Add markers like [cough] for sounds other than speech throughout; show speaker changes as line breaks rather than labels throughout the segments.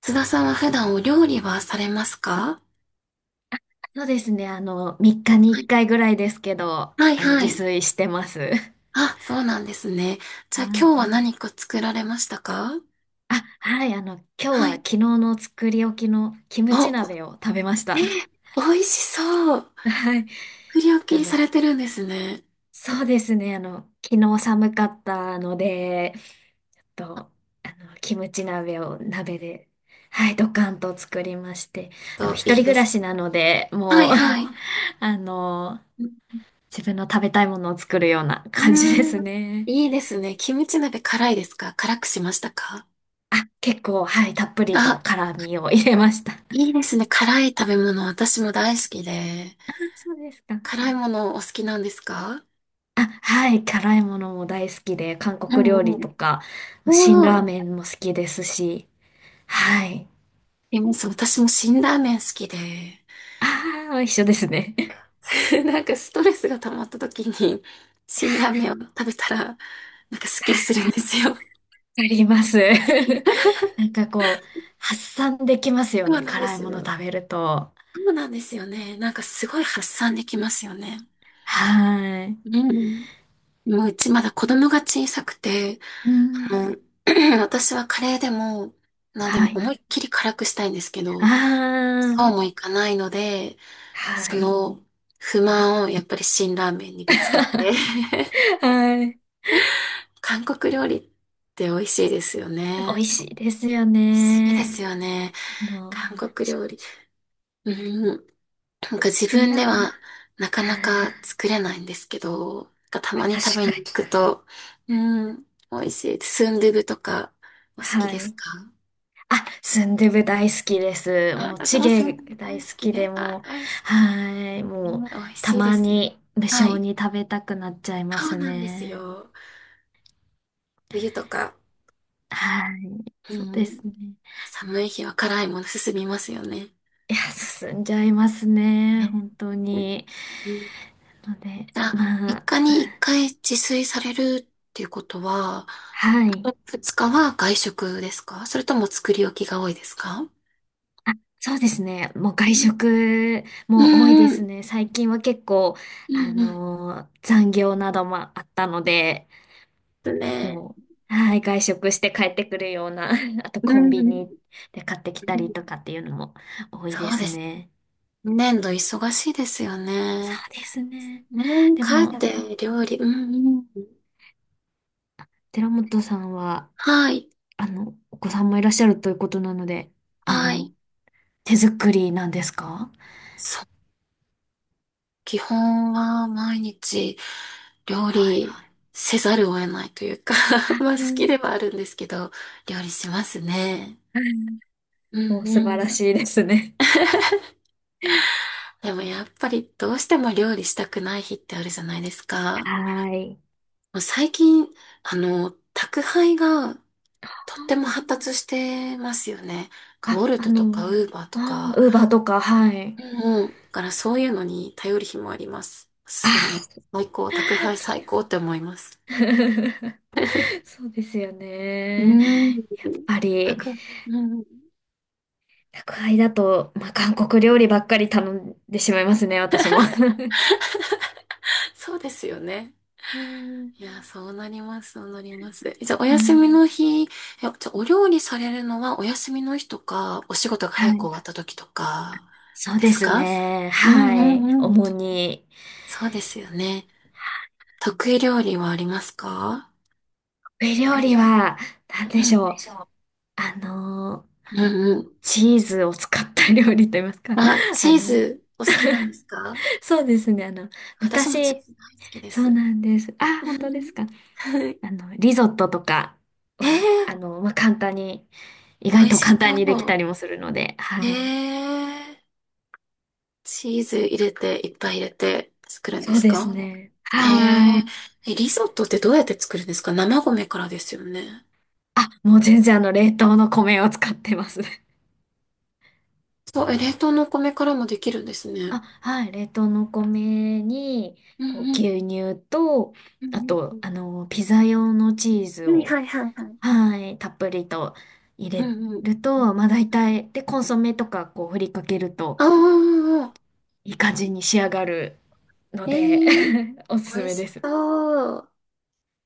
津田さんは普段お料理はされますか？
そうですね。3日に
は
1
い、
回ぐらいですけど、
はい、は
自
い。
炊してます。
あ、そうなんですね。
[laughs]
じゃあ
はい。
今日は何か作られましたか？
[laughs] あ、はい。今日
は
は
い。
昨日の作り置きのキムチ
お、
鍋を食べまし
えー、
た。[laughs]
美味しそう。
はい。
作
[laughs]
り置
あ
きさ
の、
れてるんですね。
そうですね。昨日寒かったので、と、キムチ鍋を鍋で、はい、ドカンと作りまして、
と、
一
い
人
い
暮
で
ら
す。
しなので、
は
も
い、
う
はい。
[laughs] あの、
う
自分の食べたいものを作るような
ー
感じです
ん、
ね。
いいですね。キムチ鍋辛いですか？辛くしましたか？
あ、結構、はい、たっぷりと
あ、
辛味を入れました。[laughs] あ、
いいですね。辛い食べ物、私も大好きで。
そうですか。
辛いものお好きなんですか？
あ、はい、辛いものも大好きで、韓
う
国料
ん
理
う
と
ん。
か、辛ラー
お
メ
ー
ンも好きですし、はい。
います。私も辛ラーメン好きで、
ああ、一緒ですね。[laughs]
[laughs] なんかストレスが溜まった時に、辛ラーメンを食べたら、なんかスッキリするんですよ。
あり
う
ま
ん
す。[laughs] なんかこう、発散できますよ
そう
ね、
なんで
辛い
す
もの
よ。
食べると。
そうなんですよね。なんかすごい発散できますよね。
はい。
うん。もううちまだ子供が小さくて、
うん、
あの [clears throat]、私はカレーでも、なんで
は
も
い。
思いいっきり辛くしたいんですけ
あ
ど、そうもいかないので、
あ、は
そ
い。
の不満をやっぱり辛ラーメンにぶつけて
[laughs]
[laughs]
はい。
韓国料理って美味しいですよ
美
ね。
味
美
しいですよ
味しいで
ね。
すよね。
あの、
韓国
し
料理。うん。なんか自
辛
分
ラ
で
ー
はなかな
は
か
い。
作れないんですけど、なんかた
あ、
まに食
確
べに
かに。
行くと、うん、美味しいです。スンドゥブとかお好き
は
です
い。
か？
あ、スンドゥブ大好きです。
あ、
もう、
私
チ
もス
ゲ
ンドゥブ大
大好
好き
きで
で、あ、
もう、
大好き。
はい。
う
もう、
ん美味
た
しいで
ま
すよね。
に無
は
性
い。
に食べたくなっちゃいま
そう
す
なんです
ね。
よ。冬とか、
はい。
う
そうで
ん、
すね。
寒い日は辛いもの進みますよね。
いや、進んじゃいますね。本
ね
当に。
うん
ので、
あ、3
まあ、
日に1回自炊されるっていうことは、
はい。
2日は外食ですか？それとも作り置きが多いですか？
あ、そうですね。もう外
うん
食
う
も多いで
んう
す
ん。
ね。最近は結構、
うんうん。
残業などもあったので、
ですね。
もう、はい、外食して帰ってくるような、[laughs] あと
う
コン
んう
ビニ
ん。
で買ってきたりとかっていうのも多いで
そう
す
です。
ね。
年度忙しいですよ
そ
ね。
うですね。
ね、
で
家
も、
庭料理。うんうん。
寺本さんは、
はい。
お子さんもいらっしゃるということなので、あ
は
の、
い。
手作りなんですか？
基本は毎日料
はい。
理せざるを得ないというか [laughs]
あ、
まあ
う
好き
ん。
ではあるんですけど、料理しますね。
はい。
う
も
ん
う素
う
晴
ん。
らしいですね。
[laughs] でもやっぱりどうしても料理したくない日ってあるじゃないですか。
はい。
もう最近、宅配がとっても発達してますよね。ウォ
あ、
ルトとかウーバーと
あ
か。
ー、ウーバーとか、はい。
うんうだからそういうのに頼る日もあります。すごい
あ
最高、宅
ー、
配
それ
最高って思います。
は。[laughs] そうですよ
うー
ね。
ん。1
ぱり、
うん。
宅配だと、まあ、韓国料理ばっかり頼んでしまいますね、私も。[laughs]
そうですよね。
うん、
いや、そうなります、そうなります。じゃあ、お
う
休み
ん、
の日、じゃあ、お料理されるのはお休みの日とか、お仕事が
は
早く
い。
終わった時とか、
そう
で
で
す
す
か？そうかです。
ね。
う
は
んう
い。
んうん。
主に。
そうですよね。得意料理はありますか？
ウェイ
い
料理
や、
は、なんで
う
し
ん。
ょ
で
う。
しょ
あの、
ううんうん。
チーズを使った料理と言いますか。
あ、
[laughs] あ
チー
の、
ズお好きなんですか？
そうですね。
私もチ
昔、
ーズ大好きで
そう
す。
なんです。あ、
う
本当で
ん
すか。
[laughs]
リゾットとか
え
は、
ー、
まあ、簡単に、意
美
外
味
と
し
簡単
そ
にできた
う。
りもするので、は
へ
い。
え、チーズ入れて、いっぱい入れて作るんで
そう
す
で
か？そ
す
うかで
ね。
す。へ
は
え、
い。
リゾットってどうやって作るんですか？生米からですよね。
あ、もう全然あの冷凍の米を使ってます。[laughs]
そう、冷凍のお米からもできるんですね。
あ、はい。冷凍の米に、
う
こう、
んうん。
牛乳と、
う
あ
ん
と、ピザ用のチーズ
うん。はい
を、
はいはいはい。
はい、たっぷりと入
う
れ
んうん。
る
う
と、
ん
まあ大体、で、コンソメとか、こう、振りかけると、
ああ、
いい感じに仕上がるの
え
で
ー、
[laughs] おすす
美味
めで
し
す。
そう。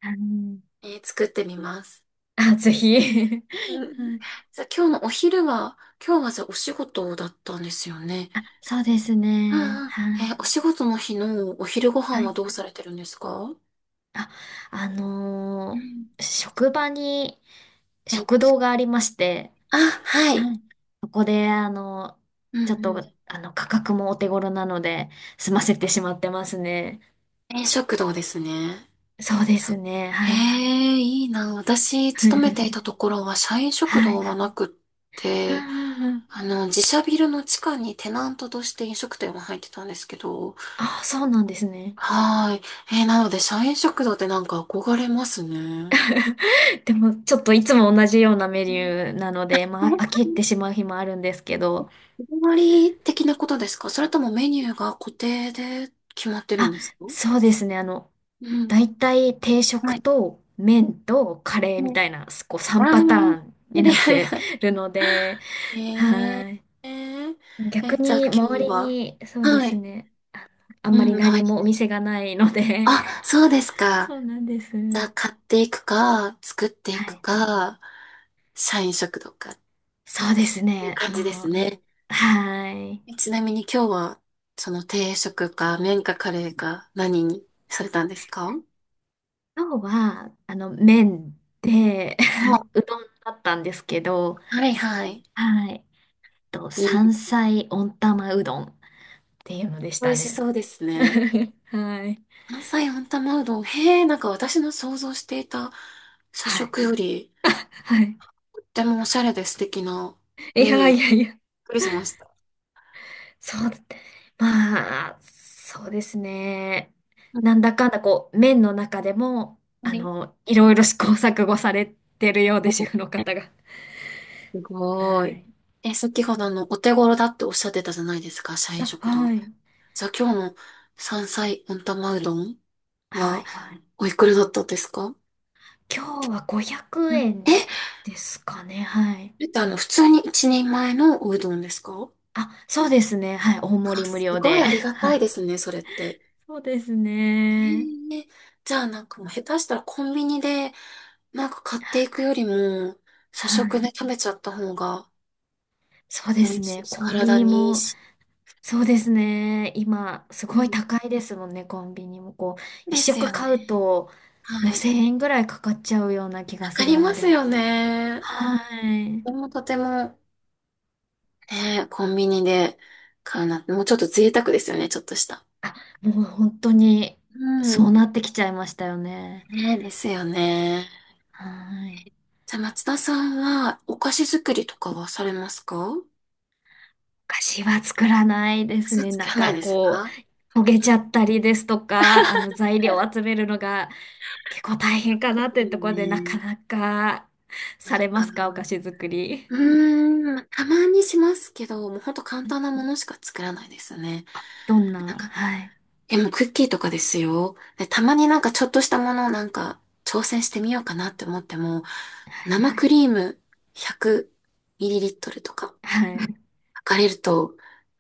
はい。
作ってみます。
あ、ぜひ。 [laughs]
うん。
はい。
じゃあ今日のお昼は、今日はじゃあお仕事だったんですよね。
あ、そうですね。
ああ、
はい。
お仕事の日のお昼ご飯
は
は
い。
どうされてるんですか？
あ、あ
う
のー
ん
職場に
はい
食堂がありまして、
あ、はい。
はい。そこで、
うん
ちょっ
う
と、
ん。
価格もお手頃なので、済ませてしまってますね。
食堂ですね。
そうで
そう
すね、
へ
はい。
え、いいな。私、勤めていた
[laughs]
ところは社員食
は
堂
い。
はなくっ
う
て、
んうんうん。
自社ビルの地下にテナントとして飲食店が入ってたんですけど、
あ、そうなんですね。
はーい。なので、社員食堂ってなんか憧れますね。
でも、ちょっといつも同じようなメ
う
ニ
ん
ューなので、まあ、飽きてしまう日もあるんですけど、
日替わり的なことですか？それともメニューが固定で決まってるん
あ、
ですか？
そうですね、
うん。
大体定食
はい。
と麺とカレーみ
はい
たいな、こう
ああ、
3
は
パターンに
い
なっ
はい
て
はい。
るので、
ええ。
はい。
えー、
逆
じゃあ今
に周
日
り
は。
に、そうで
は
す
い。
ね。あ、あんま
う
り
ん、は
何もお店
い。
がないので、
あ、そうです
[laughs]
か。
そうなんです。
じゃあ買っていくか、作って
は
いく
い。
か、社員食堂かっ
そうです
ていう
ね。
感じで
も
す
う、
ね。
はい。
ちなみに今日は、その定食か、麺かカレーか、何にされたんですか？
今日は、麺で、
あ、
[laughs] うどんだったんですけど、
はいはい。
はい。と、
いいで
山
すね
菜温玉うどんっていうのでし
美
た
味しそ
ね。
うです
[laughs]
ね。
はい。
関西温玉うどん。へえ、なんか私の想像していた社
はい。
食より、
はい。[laughs]
とってもおしゃれで素敵な
い
メニュー、
や
びっ
いやいや、
くりしました。
そうだって。まあ、そうですね。
本
なんだかんだこう、面の中でも、
当に
いろいろ試行錯誤されてるようで、主婦の方が。
す
は
ごい。
い。
先ほどお手頃だっておっしゃってたじゃないですか、社員
あ、
食堂。
はい。
じゃあ今日の山菜温玉うどん
は
は、
い。
おいくらだったんですか？
今日は500
うん。
円
こ
ですかね。はい。
れって普通に一人前のおうどんですか？
あ、そうですね。はい。大
あ、
盛り無
す
料
ごい
で。
あり
[laughs]
が
は
たい
い。
ですね、それって。
そうですね。
へえじゃあなんかもう下手したらコンビニでなんか買っていくよりも社
はい。
食で食べちゃった方が
そうで
美
す
味しい
ね。
し、
コンビ
体
ニ
にいい
も、
し。
そうですね。今、す
う
ごい
ん。
高いですもんね、コンビニも。こう、一
です
食
よ
買う
ね。
と、も
は
う
い。
1000円ぐらいかかっちゃうような気が
か
す
か
る
り
の
ます
で。
よね。
はい。
でもとても、ね、コンビニで買うなんて、もうちょっと贅沢ですよね、ちょっとした。
あ、もう本当に、
うん。
そうなってきちゃいましたよね。
ね、ですよね。
はい。
じゃあ松田さんはお菓子作りとかはされますか？お
お菓子は作らないで
菓
す
子
ね。
作
なん
らない
か
です
こ
か？
う、焦げちゃったりですとか、材料を集めるのが結構大変
で
かなってい
す
うと
よ
ころで、なか
ね。
なかさ
な
れ
ん
ま
か
すか、お菓子作り？
うーん、まあたまにしますけど、もうほんと簡単なものしか作らないですね。
どん
なん
な、
か、
はい。
でもクッキーとかですよ。で、たまになんかちょっとしたものをなんか挑戦してみようかなって思っても、
はい
生クリーム 100 mL とか
はい。
測れると、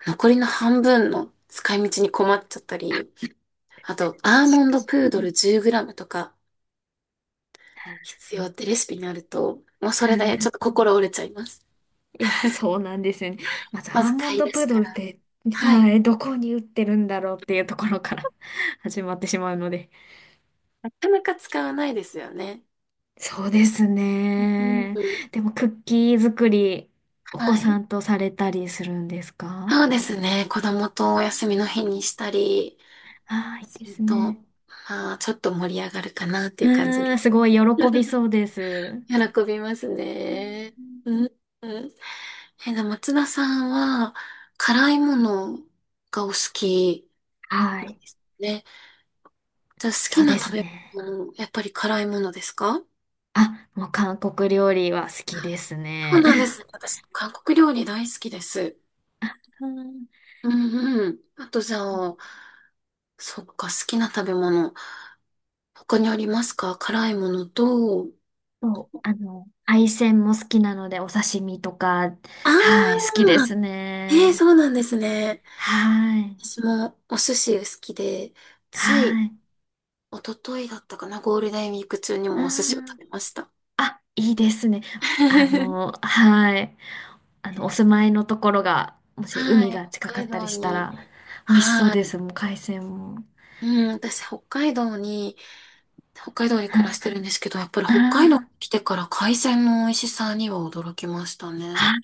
残りの半分の使い道に困っちゃったり、あと、アーモ
確
ン
か
ド
に。
プードル 10 g とか
は
必要ってレシピになると、もうそれで
い。
ちょっと心折れちゃいます。
いや、そうなんですよね。まず、ア
ま
ー
ず
モン
買い
ド
出
プ
し
ード
か
ルっ
ら。
て、
はい。
はい、どこに売ってるんだろうっていうところから [laughs] 始まってしまうので。
なかなか使わないですよね。
そうです
うん、
ね。
うん。
でも、クッキー作り、お
は
子さ
い。
んとされたりするんですか？
そうですね。子供とお休みの日にしたり
ああー、い
す
いで
る
す
と、
ね。
まあ、ちょっと盛り上がるかなっていう感じ
う
で
ん、
す。
すごい喜びそうです。
喜びます
う
ね。
ん。
うん。うん。でも松田さんは、辛いものがお好き
は
なん
い。
ですね。じゃあ、好き
そう
な
で
食
す
べ
ね。
物やっぱり辛いものですか？
あ、もう韓国料理は好きです
そう
ね。
なんですね私、韓国料理大好きです。
[laughs] うん。
うんうん。あと、じゃあ、そっか、好きな食べ物。他にありますか？辛いものと。
そう、海鮮も好きなので、お刺身とか、
あ
はい、好きで
あ、
す
ええそ
ね。
うなんですね。
はい、
私もお寿司好きで、つい
はい。
一昨日だったかな、ゴールデンウィーク中にもお寿司を食
あー、
べました。
あ、いいですね。
[laughs]
はい。お
ね
住まいのところが、もし海
はい、
が
北
近か
海
ったり
道
した
に、
ら、美味しそう
は
で
い。
す、もう海鮮も。
うん、私、北海道に暮
は
らし
い。
てるんですけど、やっぱり北海道に
あ
来
ー、
てから海鮮の美味しさには驚きましたね。
あ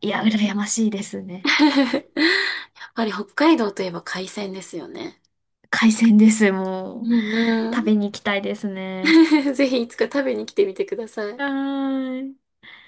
ー、いや、羨ましいです
[laughs]
ね。
やっぱり北海道といえば海鮮ですよね。
海鮮です、も
う
う。
ん
食べ
う
に行きたいですね。
ん。[laughs] ぜひいつか食べに来てみてください。
はーい。